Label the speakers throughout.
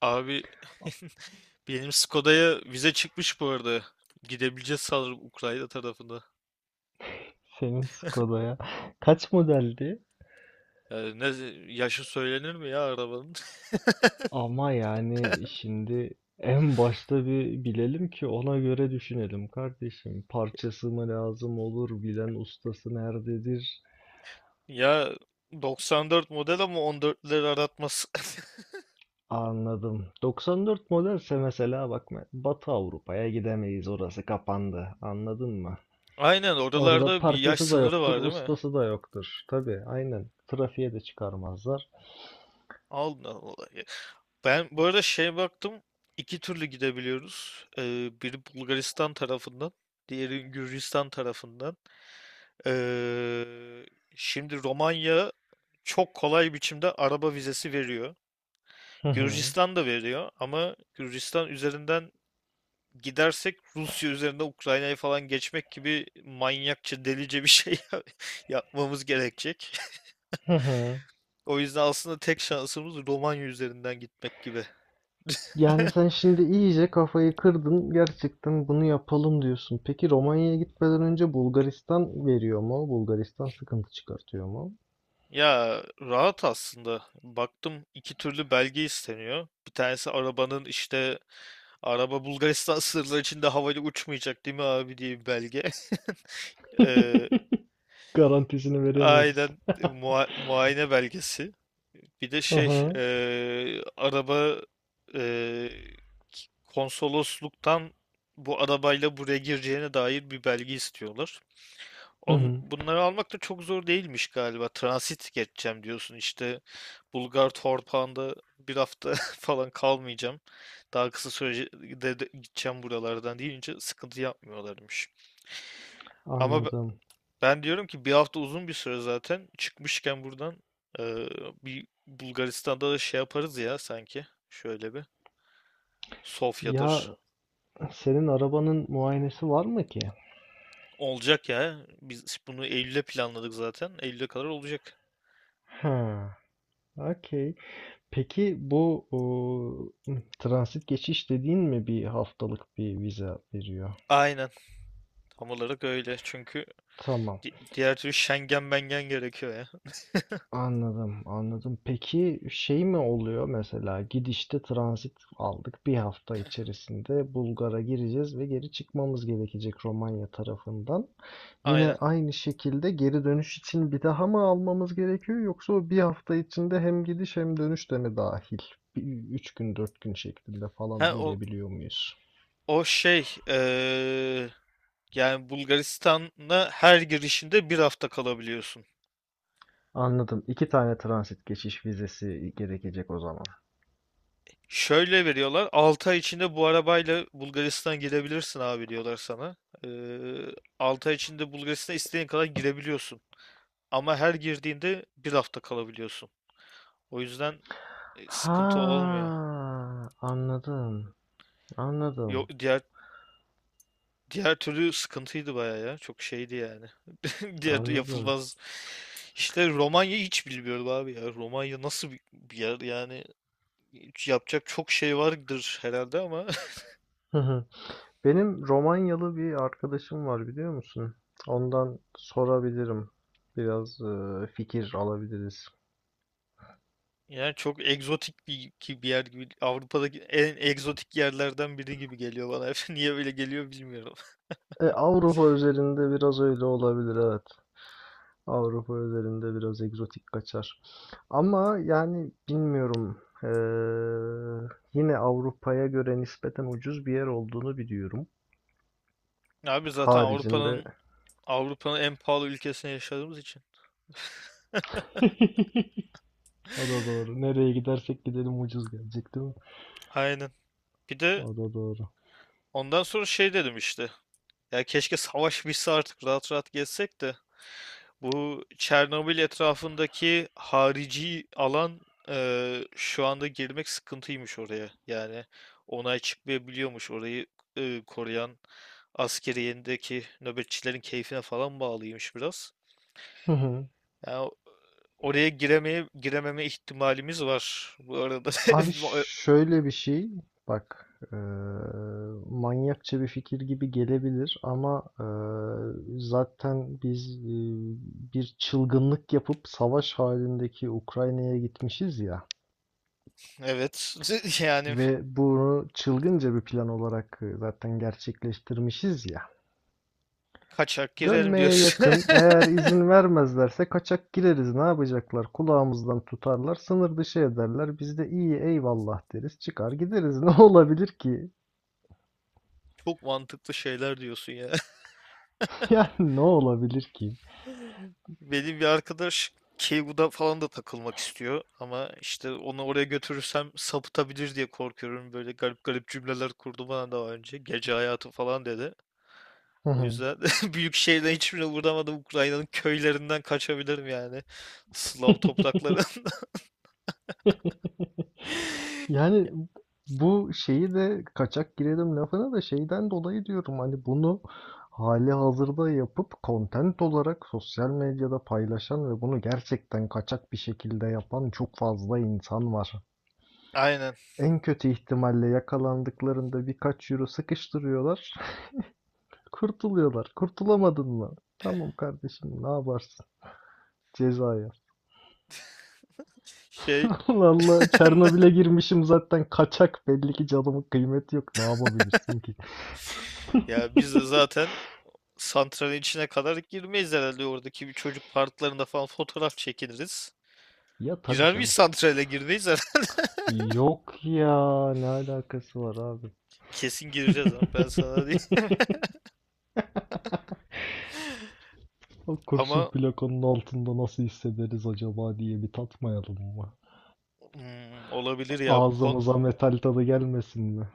Speaker 1: Abi. Benim Skoda'ya vize çıkmış bu arada. Gidebileceğiz sanırım Ukrayna tarafında.
Speaker 2: Senin Skoda'ya kaç modeldi?
Speaker 1: Yani ne yaşı söylenir mi ya arabanın?
Speaker 2: Ama yani şimdi en başta bir bilelim ki ona göre düşünelim kardeşim. Parçası mı lazım olur, bilen ustası nerededir?
Speaker 1: Ya 94 model ama 14'leri aratmaz.
Speaker 2: Anladım. 94 modelse mesela bak Batı Avrupa'ya gidemeyiz, orası kapandı. Anladın mı?
Speaker 1: Aynen,
Speaker 2: Orada
Speaker 1: oralarda bir yaş
Speaker 2: parçası da
Speaker 1: sınırı
Speaker 2: yoktur,
Speaker 1: var değil mi?
Speaker 2: ustası da yoktur. Tabii aynen. Trafiğe de çıkarmazlar.
Speaker 1: Aldın olayı. Ben bu arada şey baktım, iki türlü gidebiliyoruz. Biri Bulgaristan tarafından, diğeri Gürcistan tarafından. Ee, Şimdi Romanya çok kolay biçimde araba vizesi veriyor.
Speaker 2: Hı hı.
Speaker 1: Gürcistan da veriyor ama Gürcistan üzerinden gidersek Rusya üzerinde Ukrayna'yı falan geçmek gibi manyakça, delice bir şey yapmamız gerekecek.
Speaker 2: Hı hı.
Speaker 1: O yüzden aslında tek şansımız Romanya üzerinden gitmek gibi.
Speaker 2: Yani sen şimdi iyice kafayı kırdın. Gerçekten bunu yapalım diyorsun. Peki Romanya'ya gitmeden önce Bulgaristan veriyor mu? Bulgaristan sıkıntı çıkartıyor mu?
Speaker 1: Ya, rahat aslında. Baktım, iki türlü belge isteniyor. Bir tanesi arabanın işte araba Bulgaristan sınırları içinde havayla uçmayacak değil mi abi diye bir belge. Ee,
Speaker 2: Garantisini veremiyoruz.
Speaker 1: aynen, muayene belgesi. Bir de şey
Speaker 2: Aha.
Speaker 1: araba eee, konsolosluktan bu arabayla buraya gireceğine dair bir belge istiyorlar.
Speaker 2: Hı
Speaker 1: On,
Speaker 2: hı.
Speaker 1: bunları almak da çok zor değilmiş galiba. Transit geçeceğim diyorsun işte, Bulgar Torpağı'nda bir hafta falan kalmayacağım. Daha kısa sürede de gideceğim buralardan deyince sıkıntı yapmıyorlarmış. Ama
Speaker 2: Anladım.
Speaker 1: ben diyorum ki bir hafta uzun bir süre zaten. Çıkmışken buradan eee, bir Bulgaristan'da da şey yaparız ya sanki. Şöyle bir Sofya'dır.
Speaker 2: Ya senin arabanın muayenesi var mı ki?
Speaker 1: Olacak ya. Biz bunu Eylül'e planladık zaten. Eylül'e kadar olacak.
Speaker 2: Ha. Okey. Peki bu o, transit geçiş dediğin mi bir haftalık bir vize veriyor?
Speaker 1: Aynen. Tam olarak öyle. Çünkü
Speaker 2: Tamam.
Speaker 1: diğer türlü Schengen mengen gerekiyor ya.
Speaker 2: Anladım, anladım. Peki şey mi oluyor mesela gidişte transit aldık, bir hafta içerisinde Bulgar'a gireceğiz ve geri çıkmamız gerekecek Romanya tarafından. Yine
Speaker 1: Aynen.
Speaker 2: aynı şekilde geri dönüş için bir daha mı almamız gerekiyor, yoksa o bir hafta içinde hem gidiş hem dönüş de mi dahil? Üç gün dört gün şeklinde
Speaker 1: Ha,
Speaker 2: falan
Speaker 1: o,
Speaker 2: bölebiliyor muyuz?
Speaker 1: o şey, yani Bulgaristan'a her girişinde 1 hafta kalabiliyorsun.
Speaker 2: Anladım. İki tane transit geçiş vizesi gerekecek o zaman.
Speaker 1: Şöyle veriyorlar: 6 ay içinde bu arabayla Bulgaristan girebilirsin abi diyorlar sana. Ee, 6 ay içinde Bulgaristan'a istediğin kadar girebiliyorsun. Ama her girdiğinde bir hafta kalabiliyorsun. O yüzden sıkıntı olmuyor.
Speaker 2: Ha, anladım.
Speaker 1: Yok,
Speaker 2: Anladım.
Speaker 1: diğer türlü sıkıntıydı bayağı ya. Çok şeydi yani. Diğer
Speaker 2: Anladım.
Speaker 1: yapılmaz. İşte Romanya hiç bilmiyorum abi ya. Romanya nasıl bir yer yani, hiç yapacak çok şey vardır herhalde ama.
Speaker 2: Hı hı. Benim Romanyalı bir arkadaşım var, biliyor musun? Ondan sorabilirim. Biraz fikir alabiliriz.
Speaker 1: Yani çok egzotik bir yer gibi, Avrupa'daki en egzotik yerlerden biri gibi geliyor bana. Niye öyle geliyor bilmiyorum.
Speaker 2: E, Avrupa üzerinde biraz öyle olabilir, evet. Avrupa üzerinde biraz egzotik kaçar. Ama yani bilmiyorum. E, Yine Avrupa'ya göre nispeten ucuz bir yer olduğunu biliyorum.
Speaker 1: Abi zaten
Speaker 2: Haricinde.
Speaker 1: Avrupa'nın en pahalı ülkesinde yaşadığımız için.
Speaker 2: O da doğru. Nereye gidersek gidelim ucuz gelecek, değil mi?
Speaker 1: Aynen. Bir de
Speaker 2: O da doğru.
Speaker 1: ondan sonra şey dedim işte. Ya keşke savaş bitse artık rahat rahat gezsek de. Bu Çernobil etrafındaki harici alan, şu anda girmek sıkıntıymış oraya. Yani onay çıkmayabiliyormuş, orayı koruyan askeriyendeki nöbetçilerin keyfine falan bağlıymış biraz. Yani oraya girememe ihtimalimiz var bu arada.
Speaker 2: Abi şöyle bir şey, bak, eee, manyakça bir fikir gibi gelebilir ama zaten biz, bir çılgınlık yapıp savaş halindeki Ukrayna'ya gitmişiz ya
Speaker 1: Evet, yani
Speaker 2: ve bunu çılgınca bir plan olarak zaten gerçekleştirmişiz ya.
Speaker 1: kaçak girelim
Speaker 2: Dönmeye
Speaker 1: diyorsun.
Speaker 2: yakın, eğer izin vermezlerse kaçak gireriz, ne yapacaklar? Kulağımızdan tutarlar, sınır dışı ederler. Biz de iyi, eyvallah deriz, çıkar gideriz. Ne olabilir ki?
Speaker 1: Çok mantıklı şeyler diyorsun ya.
Speaker 2: Yani ne olabilir ki?
Speaker 1: Benim bir arkadaş Keigu'da falan da takılmak istiyor ama işte onu oraya götürürsem sapıtabilir diye korkuyorum. Böyle garip garip cümleler kurdu bana daha önce. Gece hayatı falan dedi. O yüzden büyük şehirden hiçbirine uğramadım. Ukrayna'nın köylerinden kaçabilirim yani. Slav topraklarından.
Speaker 2: Yani bu şeyi de kaçak girelim lafına da şeyden dolayı diyorum, hani bunu hali hazırda yapıp content olarak sosyal medyada paylaşan ve bunu gerçekten kaçak bir şekilde yapan çok fazla insan var.
Speaker 1: Aynen.
Speaker 2: En kötü ihtimalle yakalandıklarında birkaç euro sıkıştırıyorlar, kurtuluyorlar. Kurtulamadın mı? Tamam kardeşim, ne yaparsın? Cezaya.
Speaker 1: Şey,
Speaker 2: Allah, Çernobil'e girmişim zaten kaçak, belli ki canımın kıymeti yok. Ne yapabilirsin ki?
Speaker 1: ya biz de zaten santralin içine kadar girmeyiz herhalde, oradaki bir çocuk parklarında falan fotoğraf çekiniriz.
Speaker 2: Ya tabii
Speaker 1: Girer miyiz,
Speaker 2: canım.
Speaker 1: santrale girmeyiz.
Speaker 2: Yok ya, ne alakası var abi?
Speaker 1: Kesin gireceğiz ama ben sana değil.
Speaker 2: O kurşun
Speaker 1: Ama
Speaker 2: plakanın altında nasıl hissederiz acaba diye bir tatmayalım mı?
Speaker 1: olabilir ya, bu
Speaker 2: Ağzımıza metal tadı gelmesin mi?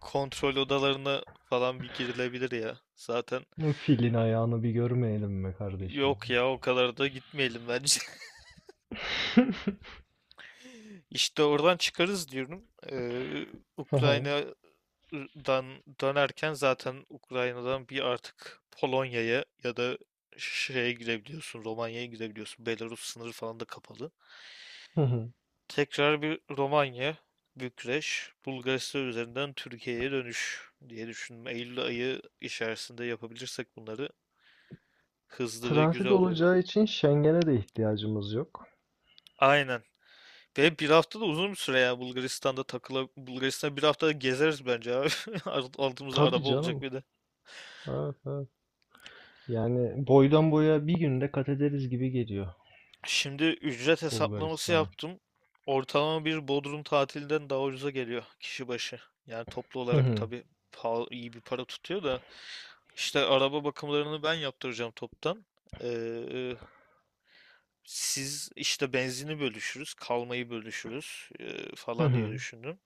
Speaker 1: kontrol odalarına falan bir girilebilir ya. Zaten
Speaker 2: Filin ayağını bir görmeyelim mi kardeşim?
Speaker 1: yok ya, o kadar da gitmeyelim bence. İşte oradan çıkarız diyorum. Ee, Ukrayna'dan dönerken zaten Ukrayna'dan bir artık Polonya'ya ya da şeye girebiliyorsun, Romanya'ya girebiliyorsun. Belarus sınırı falan da kapalı. Tekrar bir Romanya, Bükreş, Bulgaristan üzerinden Türkiye'ye dönüş diye düşündüm. Eylül ayı içerisinde yapabilirsek bunları, hızlı ve güzel
Speaker 2: Transit
Speaker 1: oluyor.
Speaker 2: olacağı için Schengen'e de ihtiyacımız yok.
Speaker 1: Aynen. Ve bir hafta da uzun bir süre ya, Bulgaristan'da takıla Bulgaristan'da bir hafta gezeriz bence abi. Altımızda
Speaker 2: Tabii
Speaker 1: araba olacak
Speaker 2: canım.
Speaker 1: bir de.
Speaker 2: Evet, evet. Yani boydan boya bir günde kat ederiz gibi geliyor
Speaker 1: Şimdi ücret hesaplaması
Speaker 2: Bulgaristan'a.
Speaker 1: yaptım. Ortalama bir Bodrum tatilinden daha ucuza geliyor kişi başı. Yani toplu
Speaker 2: Hı
Speaker 1: olarak
Speaker 2: hı.
Speaker 1: tabii pahalı, iyi bir para tutuyor da. İşte araba bakımlarını ben yaptıracağım toptan. Ee, Siz işte benzini bölüşürüz, kalmayı bölüşürüz
Speaker 2: Hı
Speaker 1: falan diye
Speaker 2: hı.
Speaker 1: düşündüm.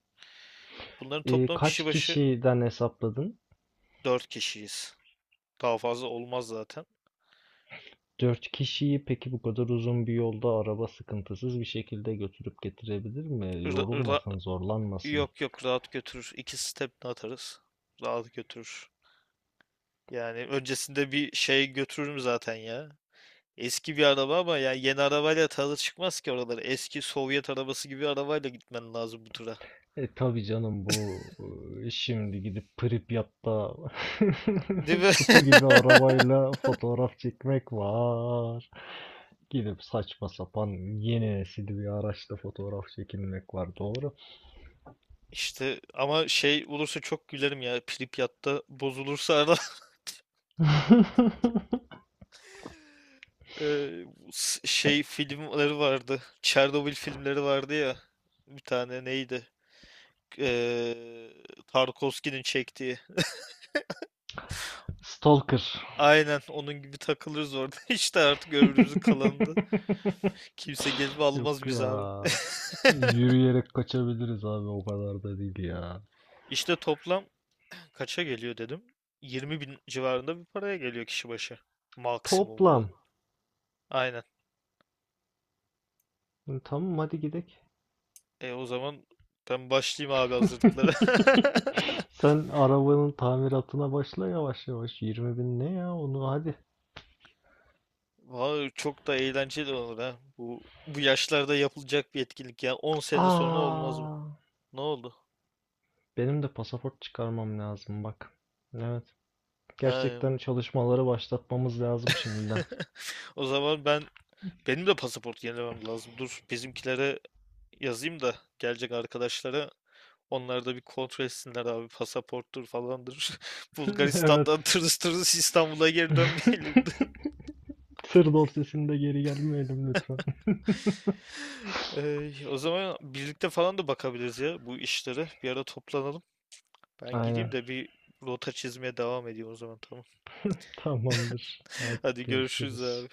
Speaker 1: Bunların toplam kişi
Speaker 2: Kaç
Speaker 1: başı
Speaker 2: kişiden hesapladın?
Speaker 1: 4 kişiyiz. Daha fazla olmaz zaten.
Speaker 2: Dört kişiyi peki bu kadar uzun bir yolda araba sıkıntısız bir şekilde götürüp getirebilir mi?
Speaker 1: Ra- ra-
Speaker 2: Yorulmasın, zorlanmasın.
Speaker 1: Yok yok, rahat götürür. İki step atarız. Rahat götürür. Yani öncesinde bir şey götürürüm zaten ya. Eski bir araba ama yani yeni arabayla tadı çıkmaz ki oraları. Eski Sovyet arabası gibi arabayla gitmen lazım bu tura.
Speaker 2: E tabii canım bu, şimdi gidip Pripyat'ta
Speaker 1: Değil mi?
Speaker 2: kutu gibi arabayla fotoğraf çekmek var. Gidip saçma sapan yeni nesil bir araçla fotoğraf çekilmek var. Doğru.
Speaker 1: İşte ama şey olursa çok gülerim ya. Pripyat'ta bozulursa araba. Eee, Şey filmleri vardı. Çernobil filmleri vardı ya. Bir tane neydi? Eee Tarkovski'nin çektiği.
Speaker 2: Stalker.
Speaker 1: Aynen onun gibi takılırız orada. İşte artık ömrümüzün kalanında. Kimse gezme
Speaker 2: Yok
Speaker 1: almaz biz
Speaker 2: ya.
Speaker 1: abi.
Speaker 2: Yürüyerek kaçabiliriz abi, o kadar da değil ya.
Speaker 1: İşte toplam kaça geliyor dedim. 20 bin civarında bir paraya geliyor kişi başı. Maksimum o da.
Speaker 2: Toplam.
Speaker 1: Aynen.
Speaker 2: E, tamam, hadi gidelim.
Speaker 1: E o zaman ben başlayayım abi hazırlıklara.
Speaker 2: Sen arabanın tamiratına başla yavaş yavaş. 20 bin ne ya, onu hadi.
Speaker 1: Vallahi çok da eğlenceli olur ha. Bu yaşlarda yapılacak bir etkinlik ya. 10 sene sonra olmaz mı?
Speaker 2: Aa,
Speaker 1: Ne oldu?
Speaker 2: benim de pasaport çıkarmam lazım bak. Evet.
Speaker 1: Ha.
Speaker 2: Gerçekten çalışmaları başlatmamız lazım şimdiden.
Speaker 1: O zaman benim de pasaport yenilemem lazım. Dur, bizimkilere yazayım da gelecek arkadaşlara, onlar da bir kontrol etsinler abi, pasaporttur falandır.
Speaker 2: Evet.
Speaker 1: Bulgaristan'dan tırıs tırıs İstanbul'a geri dönmeyelim.
Speaker 2: Sır dorsesinde geri gelmeyelim lütfen.
Speaker 1: Ey, o zaman birlikte falan da bakabiliriz ya bu işlere. Bir ara toplanalım. Ben gideyim
Speaker 2: Aynen.
Speaker 1: de bir rota çizmeye devam edeyim, o zaman tamam.
Speaker 2: Tamamdır. Artık
Speaker 1: Hadi görüşürüz
Speaker 2: görüşürüz.
Speaker 1: abi.